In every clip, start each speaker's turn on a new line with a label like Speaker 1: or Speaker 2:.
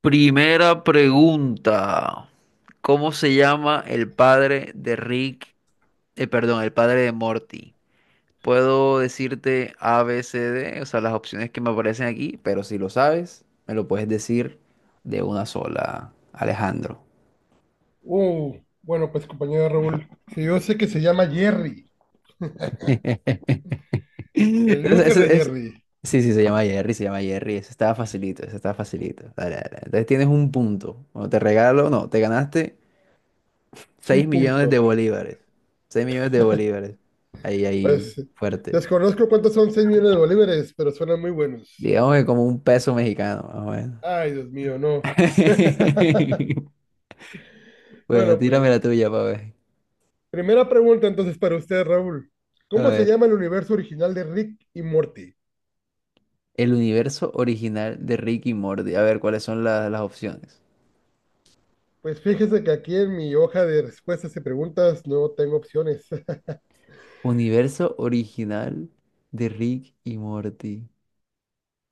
Speaker 1: Primera pregunta. ¿Cómo se llama el padre de Rick? Perdón, el padre de Morty. Puedo decirte A, B, C, D, o sea, las opciones que me aparecen aquí, pero si lo sabes, me lo puedes decir de una sola, Alejandro.
Speaker 2: Bueno, pues compañero Raúl, si yo sé que se llama Jerry, el
Speaker 1: Es- es-
Speaker 2: loser de
Speaker 1: es-
Speaker 2: Jerry,
Speaker 1: Sí, sí, se llama Jerry, se llama Jerry. Eso estaba facilito, eso estaba facilito. Dale, dale. Entonces tienes un punto. Bueno, te regalo, no, te ganaste 6
Speaker 2: un
Speaker 1: millones
Speaker 2: punto.
Speaker 1: de bolívares. 6 millones de bolívares. Ahí, ahí,
Speaker 2: Pues
Speaker 1: fuerte.
Speaker 2: desconozco cuántos son 6 millones de bolívares, pero suenan muy buenos.
Speaker 1: Digamos que como un peso mexicano, más o menos.
Speaker 2: Ay, Dios mío, no.
Speaker 1: Bueno,
Speaker 2: Bueno,
Speaker 1: tírame la
Speaker 2: pues,
Speaker 1: tuya para ver.
Speaker 2: primera pregunta entonces para usted, Raúl.
Speaker 1: A
Speaker 2: ¿Cómo se
Speaker 1: ver.
Speaker 2: llama el universo original de Rick y Morty?
Speaker 1: El universo original de Rick y Morty. A ver, ¿cuáles son las opciones?
Speaker 2: Pues fíjese que aquí en mi hoja de respuestas y preguntas no tengo opciones.
Speaker 1: Universo original de Rick y Morty.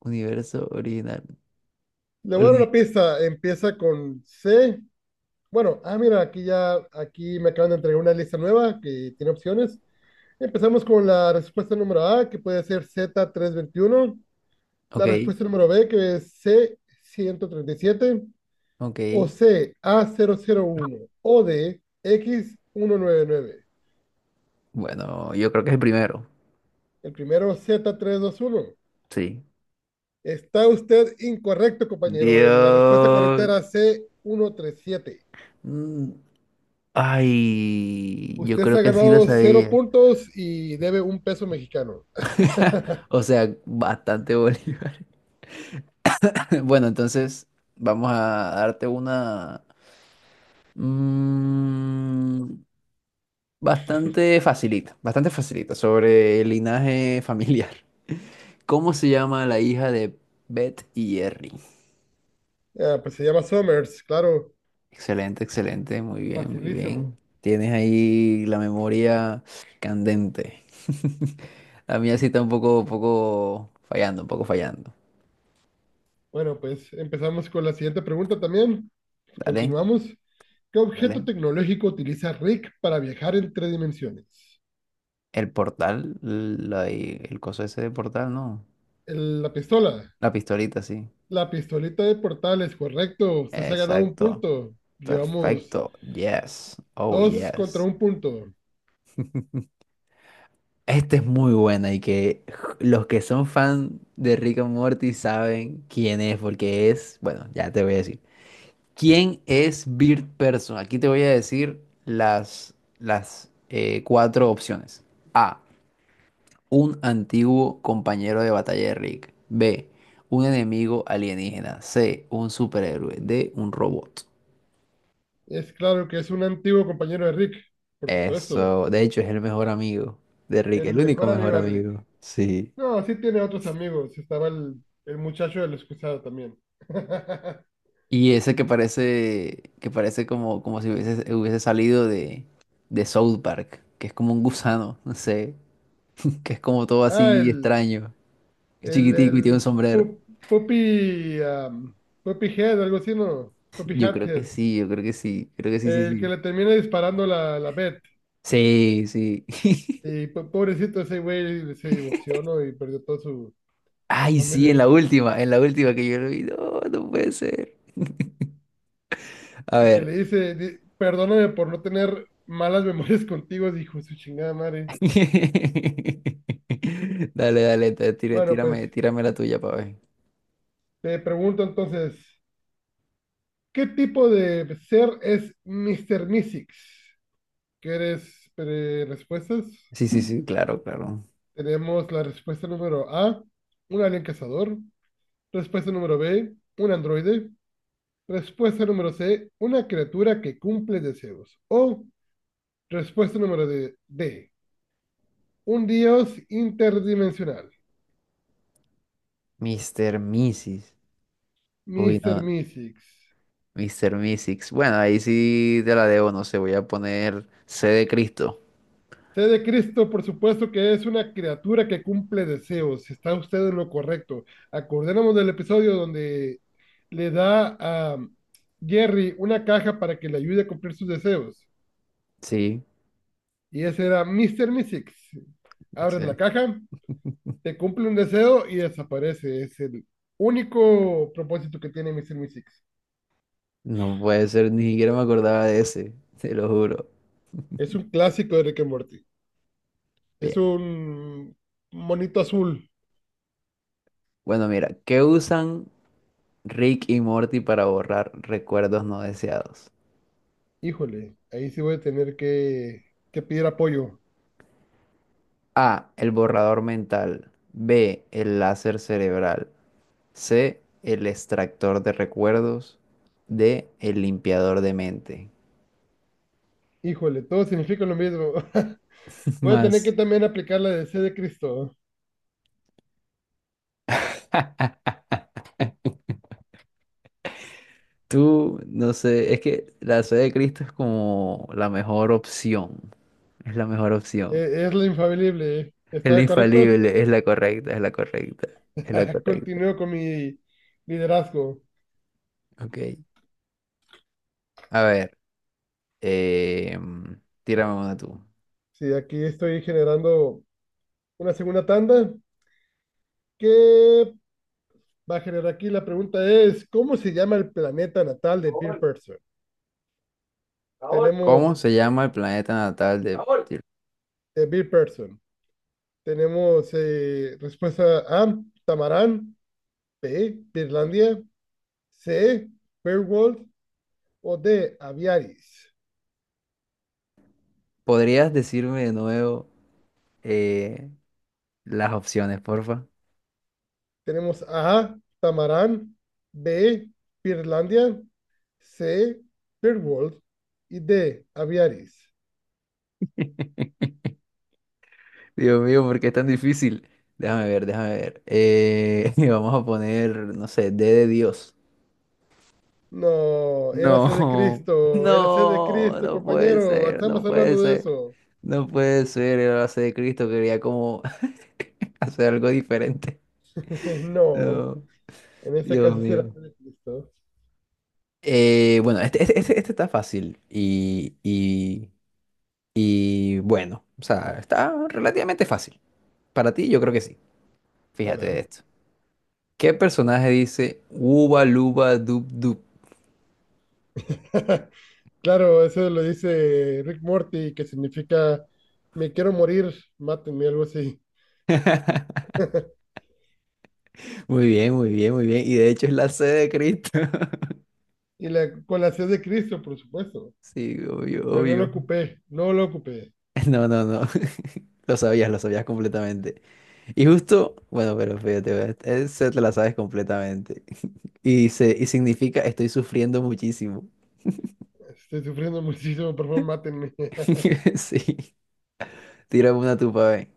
Speaker 1: Universo original.
Speaker 2: Le voy a dar
Speaker 1: Oli-
Speaker 2: una pista. Empieza con C. Bueno, ah, mira, aquí ya, aquí me acaban de entregar una lista nueva que tiene opciones. Empezamos con la respuesta número A, que puede ser Z321.
Speaker 1: Ok,
Speaker 2: La respuesta número B, que es C137, o
Speaker 1: ok.
Speaker 2: C, A001, o D, X199.
Speaker 1: Bueno, yo creo que es el primero.
Speaker 2: El primero, Z321.
Speaker 1: Sí.
Speaker 2: Está usted incorrecto, compañero. La respuesta correcta
Speaker 1: Dios.
Speaker 2: era C137.
Speaker 1: Mm, Ay, yo
Speaker 2: Usted se
Speaker 1: creo
Speaker 2: ha
Speaker 1: que sí lo
Speaker 2: ganado cero
Speaker 1: sabía.
Speaker 2: puntos y debe un peso mexicano.
Speaker 1: O sea, bastante Bolívar. Bueno, entonces vamos a darte una mm, bastante facilita sobre el linaje familiar. ¿Cómo se llama la hija de Beth y Jerry?
Speaker 2: Ah, pues se llama Summers, claro,
Speaker 1: Excelente, excelente, muy bien, muy
Speaker 2: facilísimo.
Speaker 1: bien. Tienes ahí la memoria candente. La mía sí está un poco fallando, un poco fallando.
Speaker 2: Bueno, pues empezamos con la siguiente pregunta también. Pues,
Speaker 1: Dale.
Speaker 2: continuamos. ¿Qué objeto
Speaker 1: Dale.
Speaker 2: tecnológico utiliza Rick para viajar entre dimensiones?
Speaker 1: El portal, y el coso ese de portal, no.
Speaker 2: La pistola.
Speaker 1: La pistolita, sí.
Speaker 2: La pistolita de portales, correcto. Usted se ha ganado un
Speaker 1: Exacto.
Speaker 2: punto. Llevamos
Speaker 1: Perfecto. Yes. Oh,
Speaker 2: dos contra
Speaker 1: yes.
Speaker 2: un punto.
Speaker 1: Esta es muy buena y que los que son fan de Rick and Morty saben quién es, porque es, bueno, ya te voy a decir. ¿Quién es Bird Person? Aquí te voy a decir las cuatro opciones. A. Un antiguo compañero de batalla de Rick. B. Un enemigo alienígena. C. Un superhéroe. D. Un robot.
Speaker 2: Es claro que es un antiguo compañero de Rick, por supuesto.
Speaker 1: Eso. De hecho, es el mejor amigo de Rick.
Speaker 2: El
Speaker 1: El único
Speaker 2: mejor amigo
Speaker 1: mejor
Speaker 2: de
Speaker 1: amigo.
Speaker 2: Rick.
Speaker 1: Sí.
Speaker 2: No, sí tiene otros amigos. Estaba el muchacho del excusado también.
Speaker 1: Y ese que parece como si hubiese salido de South Park, que es como un gusano, no sé, que es como todo
Speaker 2: Ah,
Speaker 1: así
Speaker 2: el,
Speaker 1: extraño,
Speaker 2: el,
Speaker 1: chiquitico y tiene
Speaker 2: el
Speaker 1: un sombrero.
Speaker 2: pu- Puppy, Puppy Head, algo así, ¿no? Puppy
Speaker 1: Yo creo que
Speaker 2: Hathead.
Speaker 1: sí, yo creo que sí, sí,
Speaker 2: El que
Speaker 1: sí.
Speaker 2: le termina disparando la Beth.
Speaker 1: Sí, sí.
Speaker 2: Y pobrecito ese güey se divorció, ¿no? Y perdió toda su
Speaker 1: Ay, sí,
Speaker 2: familia.
Speaker 1: en la última que yo lo vi. No, no puede ser. A
Speaker 2: Y que
Speaker 1: ver.
Speaker 2: le dice, perdóname por no tener malas memorias contigo, dijo su chingada madre.
Speaker 1: Dale, dale, te- tira-
Speaker 2: Bueno,
Speaker 1: tírame,
Speaker 2: pues
Speaker 1: tírame la tuya para ver.
Speaker 2: te pregunto entonces, ¿qué tipo de ser es Mr. Mystics? ¿Quieres respuestas?
Speaker 1: Sí, sí, sí, claro, claro.
Speaker 2: Tenemos la respuesta número A, un alien cazador. Respuesta número B, un androide. Respuesta número C, una criatura que cumple deseos. O respuesta número D, un dios interdimensional.
Speaker 1: Mister Mrs. Uy,
Speaker 2: Mister
Speaker 1: no,
Speaker 2: Mystics.
Speaker 1: Mister Mrs. Bueno, ahí sí te la debo, no sé, voy a poner C de Cristo.
Speaker 2: C de Cristo, por supuesto que es una criatura que cumple deseos. Está usted en lo correcto. Acordémonos del episodio donde le da a Jerry una caja para que le ayude a cumplir sus deseos.
Speaker 1: Sí,
Speaker 2: Y ese era Mister Mystics. Abres la
Speaker 1: excelente.
Speaker 2: caja, te cumple un deseo y desaparece. Es el único propósito que tiene Mister Mystics.
Speaker 1: No puede ser, ni siquiera me acordaba de ese, te lo juro.
Speaker 2: Es un clásico de Rick and Morty. Es
Speaker 1: Bien.
Speaker 2: un monito azul.
Speaker 1: Bueno, mira, ¿qué usan Rick y Morty para borrar recuerdos no deseados?
Speaker 2: Híjole, ahí sí voy a tener que pedir apoyo.
Speaker 1: A, el borrador mental. B, el láser cerebral. C, el extractor de recuerdos. D, el limpiador de mente.
Speaker 2: Híjole, todo significa lo mismo. Voy a tener que
Speaker 1: Más,
Speaker 2: también aplicar la de C de Cristo.
Speaker 1: tú, no sé, es que la C de Cristo es como la mejor opción. Es la mejor opción.
Speaker 2: Es, la infalible.
Speaker 1: Es la
Speaker 2: ¿Está correcto?
Speaker 1: infalible, es la correcta, es la correcta, es la correcta.
Speaker 2: Continúo con mi liderazgo.
Speaker 1: Ok. A ver, eh, tírame una tú.
Speaker 2: Sí, aquí estoy generando una segunda tanda que va a generar aquí. La pregunta es, ¿cómo se llama el planeta natal de Bill Person?
Speaker 1: ¿Cómo
Speaker 2: Tenemos
Speaker 1: se llama el planeta natal de...
Speaker 2: Bill Person. Tenemos respuesta A, Tamarán, B, Birlandia, C, Beowulf, o D, Aviaris.
Speaker 1: ¿Podrías decirme de nuevo eh, las opciones, porfa?
Speaker 2: Tenemos A, Tamarán, B, Birlandia, C, Beowulf y D, Aviaris.
Speaker 1: Dios mío, ¿por qué es tan difícil? Déjame ver, déjame ver. Y vamos a poner, no sé, D de Dios.
Speaker 2: No,
Speaker 1: No,
Speaker 2: Érase de
Speaker 1: no,
Speaker 2: Cristo,
Speaker 1: no puede
Speaker 2: compañero.
Speaker 1: ser, no
Speaker 2: Estamos
Speaker 1: puede
Speaker 2: hablando de
Speaker 1: ser.
Speaker 2: eso.
Speaker 1: No puede ser, el base de Cristo quería como hacer algo diferente.
Speaker 2: No,
Speaker 1: No,
Speaker 2: en ese
Speaker 1: Dios
Speaker 2: caso sí
Speaker 1: mío.
Speaker 2: érase de Cristo.
Speaker 1: Bueno, este está fácil y bueno, o sea, está relativamente fácil. Para ti, yo creo que sí.
Speaker 2: A
Speaker 1: Fíjate de
Speaker 2: ver.
Speaker 1: esto. ¿Qué personaje dice uba luba dub dub?
Speaker 2: Claro, eso lo dice Rick Morty, que significa me quiero morir, mátenme, algo así.
Speaker 1: Muy bien, muy bien, muy bien. Y de hecho es la C de Cristo.
Speaker 2: Y la, con la C de Cristo, por supuesto.
Speaker 1: Sí, obvio,
Speaker 2: Pero no lo
Speaker 1: obvio.
Speaker 2: ocupé, no lo ocupé.
Speaker 1: No, no, no. Lo sabías completamente. Y justo, bueno, pero fíjate, ve, te la sabes completamente. Y dice, y significa estoy sufriendo muchísimo.
Speaker 2: Estoy sufriendo muchísimo, por favor, mátenme.
Speaker 1: Sí. Tírame una tupa, ve.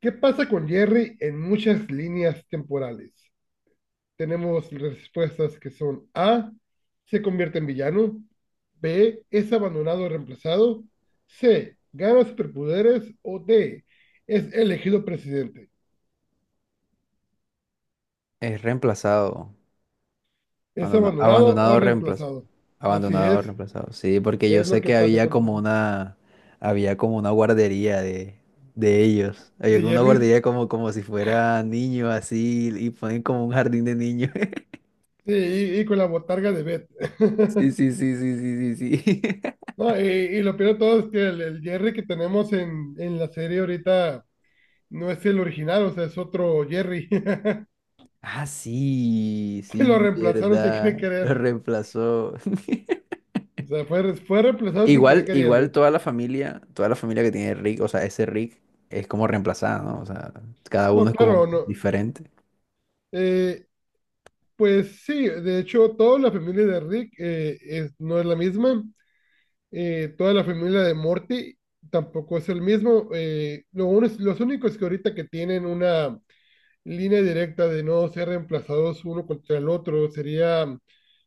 Speaker 2: ¿Qué pasa con Jerry en muchas líneas temporales? Tenemos respuestas que son A, se convierte en villano, B, es abandonado o reemplazado, C, gana superpoderes, o D, es elegido presidente.
Speaker 1: Es reemplazado.
Speaker 2: Es
Speaker 1: Abandonado,
Speaker 2: abandonado o
Speaker 1: abandonado reemplazo.
Speaker 2: reemplazado. Así
Speaker 1: Abandonado, reemplazado. Sí, porque yo
Speaker 2: es lo
Speaker 1: sé
Speaker 2: que
Speaker 1: que
Speaker 2: pasa
Speaker 1: había
Speaker 2: con
Speaker 1: como
Speaker 2: Jerry.
Speaker 1: una, había como una guardería de ellos. Había
Speaker 2: De
Speaker 1: como una
Speaker 2: Jerry's
Speaker 1: guardería como si fuera niño así y ponen como un jardín de niños.
Speaker 2: sí, y con la botarga de Beth.
Speaker 1: Sí, sí, sí, sí, sí, sí, sí.
Speaker 2: No, y lo peor de todo es que el Jerry que tenemos en la serie ahorita no es el original, o sea, es otro Jerry.
Speaker 1: Ah, sí,
Speaker 2: Se lo
Speaker 1: sí,
Speaker 2: reemplazaron sin querer
Speaker 1: verdad. Lo
Speaker 2: querer.
Speaker 1: reemplazó.
Speaker 2: O sea, fue reemplazado sin querer
Speaker 1: Igual, igual
Speaker 2: queriendo.
Speaker 1: toda la familia que tiene Rick, o sea, ese Rick es como reemplazada, ¿no? O sea, cada uno
Speaker 2: No,
Speaker 1: es como
Speaker 2: claro, no.
Speaker 1: diferente.
Speaker 2: Eh, pues sí, de hecho, toda la familia de Rick no es la misma. Toda la familia de Morty tampoco es el mismo. Los únicos que ahorita que tienen una línea directa de no ser reemplazados uno contra el otro sería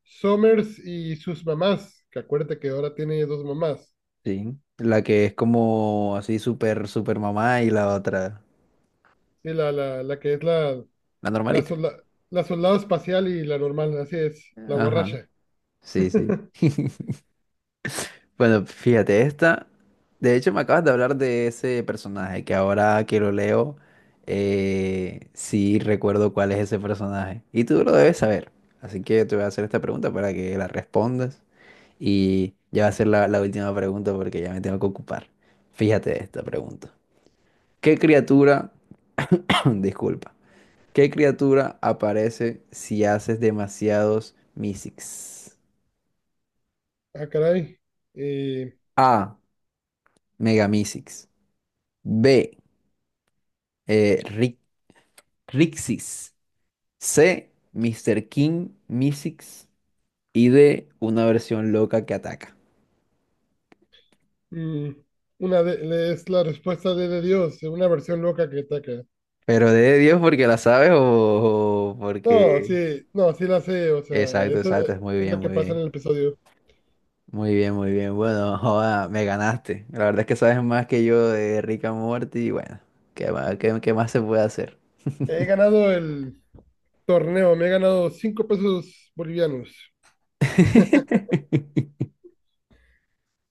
Speaker 2: Summers y sus mamás, que acuérdate que ahora tiene dos mamás.
Speaker 1: Sí, la que es como así súper, súper mamá y la otra,
Speaker 2: Sí, la que es
Speaker 1: la
Speaker 2: la,
Speaker 1: normalita.
Speaker 2: solda- la soldado espacial y la normal, así es, la
Speaker 1: Ajá,
Speaker 2: borracha.
Speaker 1: sí, sí. Bueno, fíjate, esta, de hecho me acabas de hablar de ese personaje, que ahora que lo leo, sí recuerdo cuál es ese personaje. Y tú lo debes saber. Así que te voy a hacer esta pregunta para que la respondas. Y ya va a ser la última pregunta porque ya me tengo que ocupar. Fíjate esta pregunta. ¿Qué criatura, disculpa. ¿Qué criatura aparece si haces demasiados Mysics?
Speaker 2: Ah, caray. Eh,
Speaker 1: A. Mega B. eh, Ri- Rixis. C. Mister King Mysics. Y D. Una versión loca que ataca.
Speaker 2: mm, es la respuesta de Dios, una versión loca que ataca.
Speaker 1: Pero de Dios porque la sabes o
Speaker 2: No,
Speaker 1: porque...
Speaker 2: sí, no, sí la sé, o sea,
Speaker 1: Exacto,
Speaker 2: eso
Speaker 1: exacto. Es muy
Speaker 2: es
Speaker 1: bien,
Speaker 2: lo que
Speaker 1: muy
Speaker 2: pasa en
Speaker 1: bien.
Speaker 2: el episodio.
Speaker 1: Muy bien, muy bien. Bueno, joda, me ganaste. La verdad es que sabes más que yo de Rick and Morty. Y bueno, ¿qué más, qué más se puede hacer?
Speaker 2: He ganado el torneo, me he ganado 5 pesos bolivianos.